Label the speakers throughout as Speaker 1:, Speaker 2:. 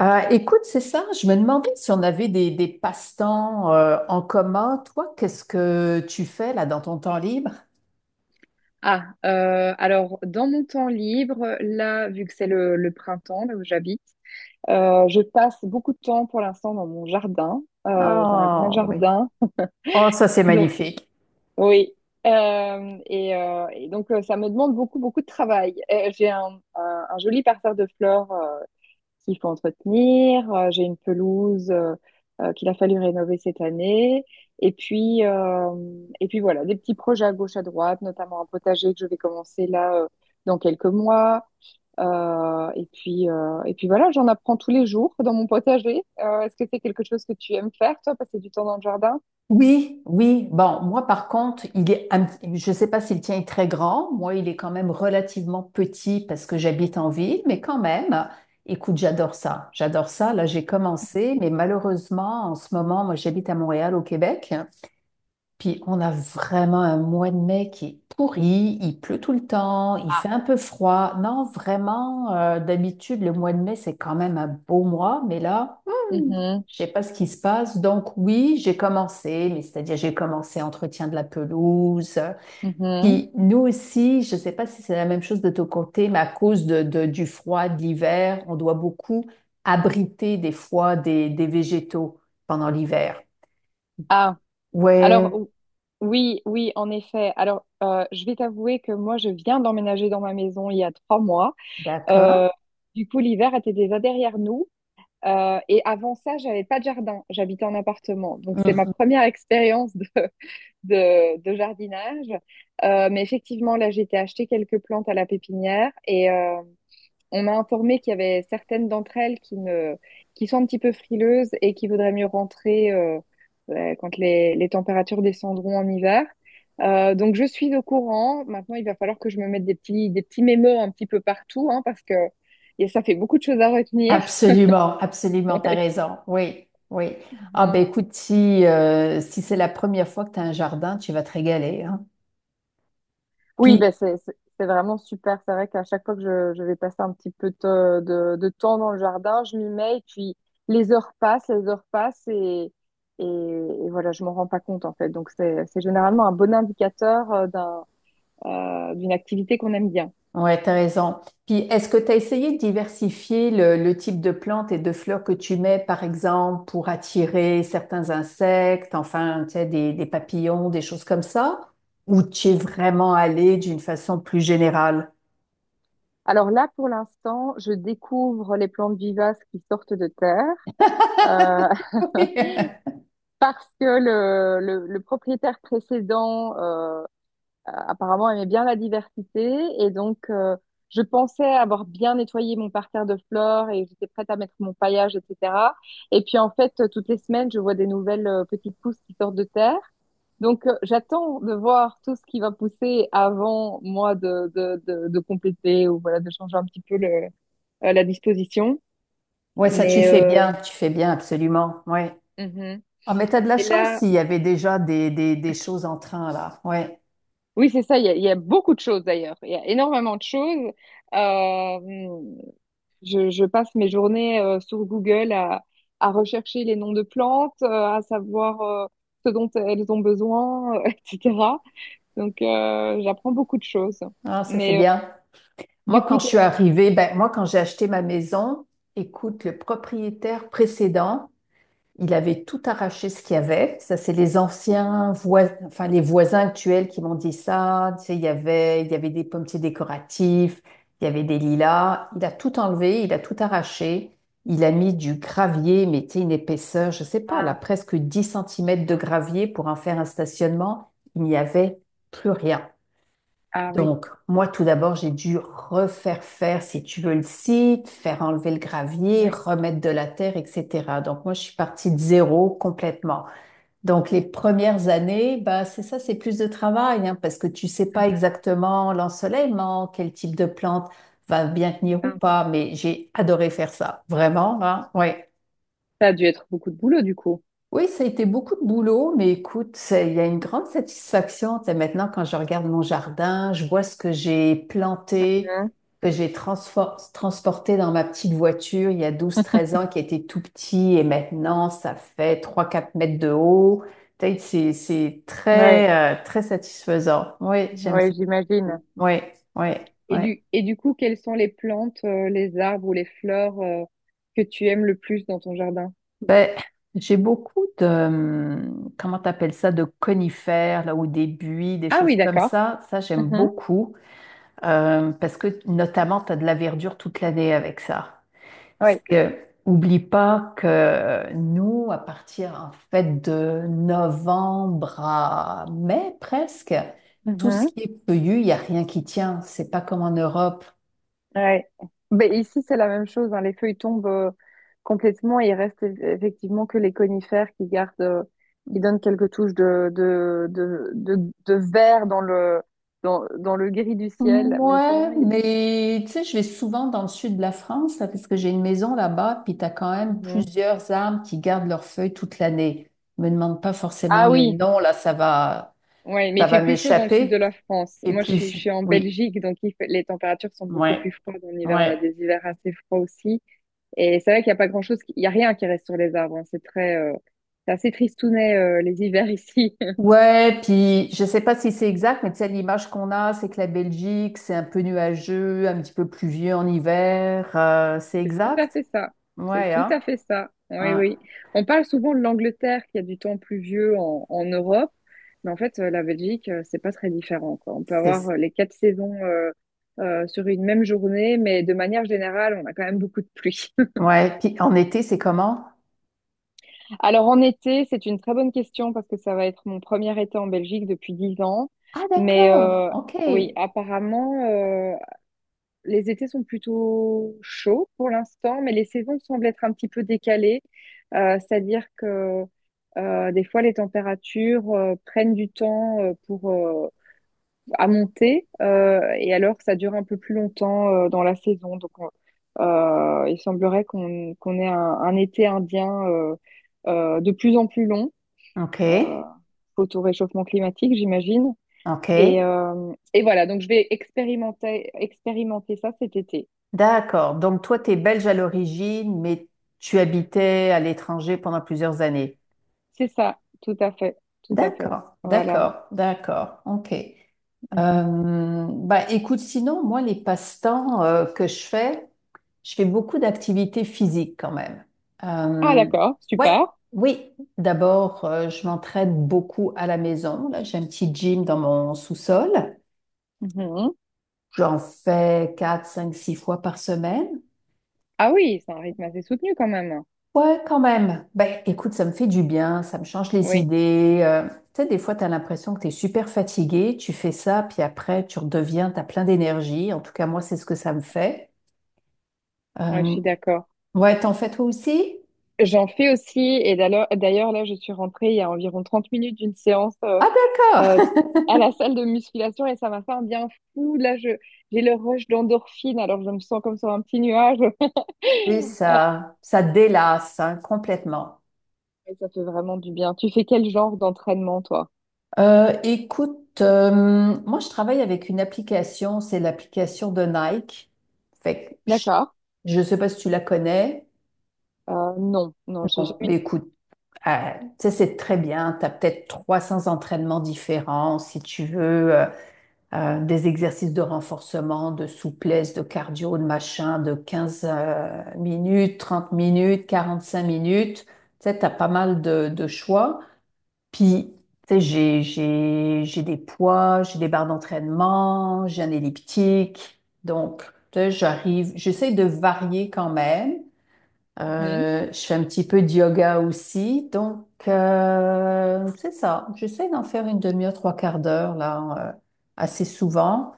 Speaker 1: Écoute, c'est ça. Je me demandais si on avait des passe-temps en commun. Toi, qu'est-ce que tu fais là dans ton temps libre?
Speaker 2: Ah, alors dans mon temps libre, là, vu que c'est le printemps, là où j'habite, je passe beaucoup de temps pour l'instant dans mon jardin. J'ai un grand
Speaker 1: Oh oui.
Speaker 2: jardin.
Speaker 1: Oh, ça c'est
Speaker 2: Donc,
Speaker 1: magnifique.
Speaker 2: oui. Et donc, ça me demande beaucoup, beaucoup de travail. J'ai un joli parterre de fleurs qu'il faut entretenir. J'ai une pelouse qu'il a fallu rénover cette année. Et puis, euh, et puis voilà, des petits projets à gauche, à droite, notamment un potager que je vais commencer là dans quelques mois. Et puis voilà, j'en apprends tous les jours dans mon potager. Est-ce que c'est quelque chose que tu aimes faire, toi, passer du temps dans le jardin?
Speaker 1: Oui, oui. Bon, moi par contre, il est un petit- je ne sais pas si le tien est très grand. Moi, il est quand même relativement petit parce que j'habite en ville, mais quand même, écoute, j'adore ça. J'adore ça. Là, j'ai commencé, mais malheureusement, en ce moment, moi j'habite à Montréal, au Québec. Puis on a vraiment un mois de mai qui est pourri, il pleut tout le temps, il
Speaker 2: Ah,
Speaker 1: fait un peu froid. Non, vraiment, d'habitude, le mois de mai, c'est quand même un beau mois, mais là,
Speaker 2: mhm,
Speaker 1: je sais pas ce qui se passe. Donc oui, j'ai commencé, mais c'est-à-dire j'ai commencé entretien de la pelouse.
Speaker 2: mhm.
Speaker 1: Puis nous aussi, je sais pas si c'est la même chose de ton côté, mais à cause du froid, de l'hiver, on doit beaucoup abriter des fois des végétaux pendant l'hiver.
Speaker 2: Ah, alors
Speaker 1: Ouais,
Speaker 2: oui, oui, en effet. Alors, je vais t'avouer que moi, je viens d'emménager dans ma maison il y a 3 mois. Euh,
Speaker 1: d'accord.
Speaker 2: du coup, l'hiver était déjà derrière nous. Et avant ça, j'avais pas de jardin. J'habitais en appartement. Donc, c'est ma
Speaker 1: Mmh.
Speaker 2: première expérience de, de jardinage. Mais effectivement, là, j'ai été acheter quelques plantes à la pépinière. On m'a informé qu'il y avait certaines d'entre elles qui ne, qui sont un petit peu frileuses et qui voudraient mieux rentrer quand les températures descendront en hiver. Donc je suis au courant. Maintenant, il va falloir que je me mette des petits mémos un petit peu partout, hein, parce que et ça fait beaucoup de choses à retenir.
Speaker 1: Absolument, absolument, t'as raison. Oui, oui. Ah
Speaker 2: Ouais.
Speaker 1: ben écoute, si c'est la première fois que tu as un jardin, tu vas te régaler, hein.
Speaker 2: Oui,
Speaker 1: Puis,
Speaker 2: ben c'est vraiment super. C'est vrai qu'à chaque fois que je vais passer un petit peu de temps dans le jardin, je m'y mets et puis les heures passent et voilà, je m'en rends pas compte en fait. Donc c'est généralement un bon indicateur d'une activité qu'on aime bien.
Speaker 1: ouais, t'as raison. Puis, est-ce que tu as essayé de diversifier le type de plantes et de fleurs que tu mets, par exemple, pour attirer certains insectes, enfin, tu sais, des papillons, des choses comme ça? Ou tu es vraiment allé d'une façon plus générale?
Speaker 2: Alors là, pour l'instant, je découvre les plantes vivaces qui sortent de terre euh, parce que le propriétaire précédent apparemment aimait bien la diversité. Et donc, je pensais avoir bien nettoyé mon parterre de fleurs et j'étais prête à mettre mon paillage, etc. Et puis, en fait, toutes les semaines, je vois des nouvelles petites pousses qui sortent de terre. Donc, j'attends de voir tout ce qui va pousser avant, moi, de compléter ou voilà, de changer un petit peu la disposition.
Speaker 1: Ouais, ça,
Speaker 2: Mais
Speaker 1: tu fais bien, absolument. Ouais.
Speaker 2: mhm.
Speaker 1: Ah, mais t'as de la
Speaker 2: Et
Speaker 1: chance
Speaker 2: là,
Speaker 1: s'il y avait déjà des choses en train, là. Ouais.
Speaker 2: oui, c'est ça, il y a beaucoup de choses d'ailleurs. Il y a énormément de choses. Euh, je passe mes journées sur Google à rechercher les noms de plantes, à savoir ce dont elles ont besoin, etc. Donc, j'apprends beaucoup de choses.
Speaker 1: Ah, ça, c'est
Speaker 2: Mais
Speaker 1: bien.
Speaker 2: du
Speaker 1: Moi,
Speaker 2: coup,
Speaker 1: quand je
Speaker 2: toi.
Speaker 1: suis arrivée, ben, moi, quand j'ai acheté ma maison, écoute, le propriétaire précédent, il avait tout arraché ce qu'il y avait. Ça, c'est les anciens voisins, enfin les voisins actuels qui m'ont dit ça. Tu sais, il y avait des pommiers décoratifs, il y avait des lilas. Il a tout enlevé, il a tout arraché. Il a mis du gravier, mais tu sais, une épaisseur, je sais pas, là,
Speaker 2: Ah,
Speaker 1: presque 10 centimètres de gravier pour en faire un stationnement. Il n'y avait plus rien.
Speaker 2: ah oui,
Speaker 1: Donc, moi, tout d'abord, j'ai dû refaire faire, si tu veux, le site, faire enlever le gravier,
Speaker 2: oui.
Speaker 1: remettre de la terre, etc. Donc, moi, je suis partie de zéro complètement. Donc, les premières années, bah, c'est ça, c'est plus de travail, hein, parce que tu sais pas
Speaker 2: Mhm.
Speaker 1: exactement l'ensoleillement, quel type de plante va bien tenir ou
Speaker 2: Ah,
Speaker 1: pas, mais j'ai adoré faire ça, vraiment, hein, oui.
Speaker 2: ça a dû être beaucoup de boulot du coup.
Speaker 1: Oui, ça a été beaucoup de boulot, mais écoute, il y a une grande satisfaction. Tu sais, maintenant, quand je regarde mon jardin, je vois ce que j'ai planté,
Speaker 2: Hein.
Speaker 1: que j'ai transporté dans ma petite voiture il y a douze, treize ans, qui était tout petit, et maintenant, ça fait 3, 4 mètres de haut. Tu sais, c'est
Speaker 2: Ouais,
Speaker 1: très, très satisfaisant. Oui, j'aime
Speaker 2: ouais,
Speaker 1: ça
Speaker 2: j'imagine.
Speaker 1: beaucoup. Oui, oui, oui.
Speaker 2: Et du coup, quelles sont les plantes, les arbres ou les fleurs, que tu aimes le plus dans ton jardin?
Speaker 1: Ben, j'ai beaucoup de, comment t'appelles ça, de conifères, là, ou des buis, des
Speaker 2: Ah oui,
Speaker 1: choses comme
Speaker 2: d'accord.
Speaker 1: ça. Ça, j'aime
Speaker 2: Mhm.
Speaker 1: beaucoup parce que notamment, tu as de la verdure toute l'année avec ça. Parce
Speaker 2: Ouais.
Speaker 1: que, oublie pas que nous, à partir en fait de novembre à mai presque, tout ce qui
Speaker 2: Mhm.
Speaker 1: est feuillu, il n'y a rien qui tient. C'est pas comme en Europe.
Speaker 2: Ouais. Ben, ici, c'est la même chose, hein. Les feuilles tombent complètement et il reste effectivement que les conifères qui donnent quelques touches de vert dans le gris du ciel. Mais sinon,
Speaker 1: Ouais,
Speaker 2: il y a...
Speaker 1: mais tu sais, je vais souvent dans le sud de la France, là, parce que j'ai une maison là-bas, puis t'as quand même
Speaker 2: Mhm.
Speaker 1: plusieurs arbres qui gardent leurs feuilles toute l'année. Me demande pas forcément
Speaker 2: Ah
Speaker 1: les
Speaker 2: oui,
Speaker 1: noms, là,
Speaker 2: ouais, mais
Speaker 1: ça
Speaker 2: il fait
Speaker 1: va
Speaker 2: plus chaud dans le sud de
Speaker 1: m'échapper.
Speaker 2: la France.
Speaker 1: Et
Speaker 2: Moi, je suis, je
Speaker 1: puis,
Speaker 2: suis en
Speaker 1: oui,
Speaker 2: Belgique, donc les températures sont beaucoup plus
Speaker 1: ouais,
Speaker 2: froides en hiver. On a
Speaker 1: ouais.
Speaker 2: des hivers assez froids aussi. Et c'est vrai qu'il n'y a pas grand-chose, il n'y a rien qui reste sur les arbres, hein. C'est assez tristounet, les hivers ici.
Speaker 1: Ouais, puis je sais pas si c'est exact, mais tu sais, l'image qu'on a, c'est que la Belgique, c'est un peu nuageux, un petit peu pluvieux en hiver. C'est
Speaker 2: C'est tout à
Speaker 1: exact?
Speaker 2: fait ça. C'est
Speaker 1: Ouais,
Speaker 2: tout
Speaker 1: hein?
Speaker 2: à fait ça. Oui,
Speaker 1: Hein,
Speaker 2: oui. On parle souvent de l'Angleterre qui a du temps pluvieux en Europe, mais en fait, la Belgique, c'est pas très différent, quoi. On peut avoir
Speaker 1: c'est,
Speaker 2: les quatre saisons sur une même journée, mais de manière générale, on a quand même beaucoup de pluie.
Speaker 1: ouais, puis en été, c'est comment?
Speaker 2: Alors en été, c'est une très bonne question parce que ça va être mon premier été en Belgique depuis 10 ans.
Speaker 1: Ah,
Speaker 2: Mais
Speaker 1: d'accord. OK.
Speaker 2: oui, apparemment, les étés sont plutôt chauds pour l'instant, mais les saisons semblent être un petit peu décalées. C'est-à-dire que des fois, les températures prennent du temps pour à monter, et alors ça dure un peu plus longtemps dans la saison. Donc, il semblerait qu'on ait un été indien de plus en plus long, euh,
Speaker 1: OK.
Speaker 2: faute au réchauffement climatique, j'imagine.
Speaker 1: OK.
Speaker 2: Et voilà, donc je vais expérimenter ça cet été.
Speaker 1: D'accord. Donc, toi, tu es belge à l'origine, mais tu habitais à l'étranger pendant plusieurs années.
Speaker 2: C'est ça, tout à fait, tout à fait.
Speaker 1: D'accord.
Speaker 2: Voilà.
Speaker 1: D'accord. D'accord. OK.
Speaker 2: Mhm.
Speaker 1: Écoute, sinon, moi, les passe-temps que je fais beaucoup d'activités physiques quand même.
Speaker 2: Ah,
Speaker 1: Euh,
Speaker 2: d'accord,
Speaker 1: ouais,
Speaker 2: super.
Speaker 1: oui. D'abord, je m'entraîne beaucoup à la maison. Là, j'ai un petit gym dans mon sous-sol.
Speaker 2: Mhm.
Speaker 1: J'en fais 4, 5, 6 fois par semaine.
Speaker 2: Ah oui, c'est un rythme assez soutenu quand même.
Speaker 1: Ouais, quand même. Ben, écoute, ça me fait du bien, ça me change les
Speaker 2: Oui,
Speaker 1: idées. Tu sais, des fois, tu as l'impression que tu es super fatigué, tu fais ça, puis après, tu redeviens, tu as plein d'énergie. En tout cas, moi, c'est ce que ça me fait.
Speaker 2: ouais, je
Speaker 1: Euh,
Speaker 2: suis d'accord.
Speaker 1: ouais, t'en fais toi aussi?
Speaker 2: J'en fais aussi, et d'ailleurs, là, je suis rentrée il y a environ 30 minutes d'une séance
Speaker 1: Ah,
Speaker 2: euh,
Speaker 1: d'accord.
Speaker 2: à la salle de musculation et ça m'a fait un bien fou. Là, j'ai le rush d'endorphine, alors je me sens comme sur un petit nuage.
Speaker 1: Et
Speaker 2: Ah,
Speaker 1: ça délasse, hein, complètement.
Speaker 2: mais ça fait vraiment du bien. Tu fais quel genre d'entraînement, toi?
Speaker 1: Euh, écoute, euh, moi, je travaille avec une application, c'est l'application de Nike. Fait que
Speaker 2: D'accord.
Speaker 1: je ne sais pas si tu la connais.
Speaker 2: Non, non, j'ai
Speaker 1: Bon,
Speaker 2: jamais.
Speaker 1: mais écoute, euh, tu sais, c'est très bien. Tu as peut-être 300 entraînements différents si tu veux, des exercices de renforcement, de souplesse, de cardio, de machin, de 15 minutes, 30 minutes, 45 minutes. Tu sais, tu as pas mal de choix. Puis, tu sais, j'ai des poids, j'ai des barres d'entraînement, j'ai un elliptique. Donc, tu sais, j'arrive, j'essaie de varier quand même.
Speaker 2: Mhm,
Speaker 1: Je fais un petit peu de yoga aussi. Donc, c'est ça. J'essaie d'en faire une demi-heure, trois quarts d'heure, là, assez souvent.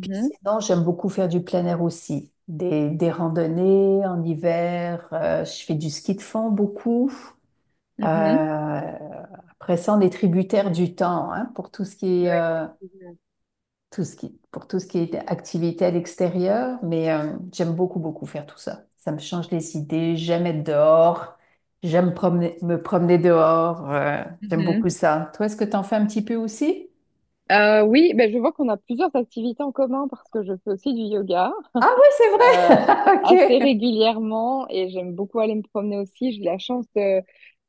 Speaker 1: Puis sinon, j'aime beaucoup faire du plein air aussi. Des randonnées en hiver. Je fais du ski de fond beaucoup.
Speaker 2: mhm.
Speaker 1: Euh, après ça, on est tributaire du temps, hein, pour tout ce qui est
Speaker 2: Ouais, effectivement.
Speaker 1: pour tout ce qui est activité à l'extérieur, mais j'aime beaucoup, beaucoup faire tout ça. Ça me change les idées, j'aime être dehors, me promener dehors, j'aime
Speaker 2: Mhm.
Speaker 1: beaucoup ça. Toi, est-ce que t'en fais un petit peu aussi?
Speaker 2: Oui, ben je vois qu'on a plusieurs activités en commun parce que je fais aussi du yoga
Speaker 1: Ah oui, c'est
Speaker 2: euh,
Speaker 1: vrai!
Speaker 2: assez
Speaker 1: Ok.
Speaker 2: régulièrement et j'aime beaucoup aller me promener aussi. J'ai la chance de,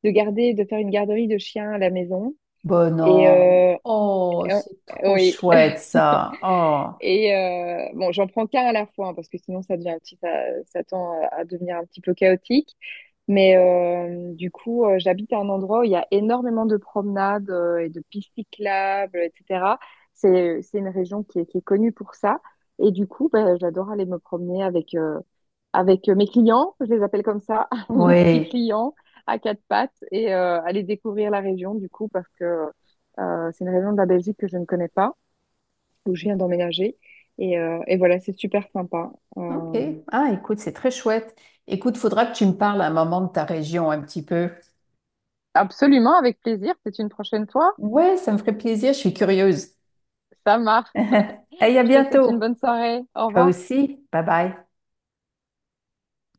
Speaker 2: de garder, de faire une garderie de chiens à la maison.
Speaker 1: Bon,
Speaker 2: Et
Speaker 1: non. Oh,
Speaker 2: euh,
Speaker 1: c'est trop
Speaker 2: oui.
Speaker 1: chouette ça. Oh,
Speaker 2: Et bon, j'en prends qu'un à la fois, hein, parce que sinon ça devient un petit, ça tend à devenir un petit peu chaotique. Mais du coup, j'habite à un endroit où il y a énormément de promenades et de pistes cyclables, etc. C'est une région qui est connue pour ça. Et du coup, ben, j'adore aller me promener avec mes clients, je les appelle comme ça, mes petits
Speaker 1: oui.
Speaker 2: clients à quatre pattes, et aller découvrir la région, du coup, parce que c'est une région de la Belgique que je ne connais pas où je viens d'emménager. Et voilà, c'est super sympa.
Speaker 1: Ok.
Speaker 2: Euh,
Speaker 1: Ah, écoute, c'est très chouette. Écoute, faudra que tu me parles à un moment de ta région un petit peu.
Speaker 2: Absolument, avec plaisir. C'est une prochaine fois.
Speaker 1: Ouais, ça me ferait plaisir, je suis curieuse.
Speaker 2: Ça marche.
Speaker 1: Et à
Speaker 2: Je te souhaite une
Speaker 1: bientôt.
Speaker 2: bonne soirée. Au
Speaker 1: Toi
Speaker 2: revoir.
Speaker 1: aussi. Bye bye.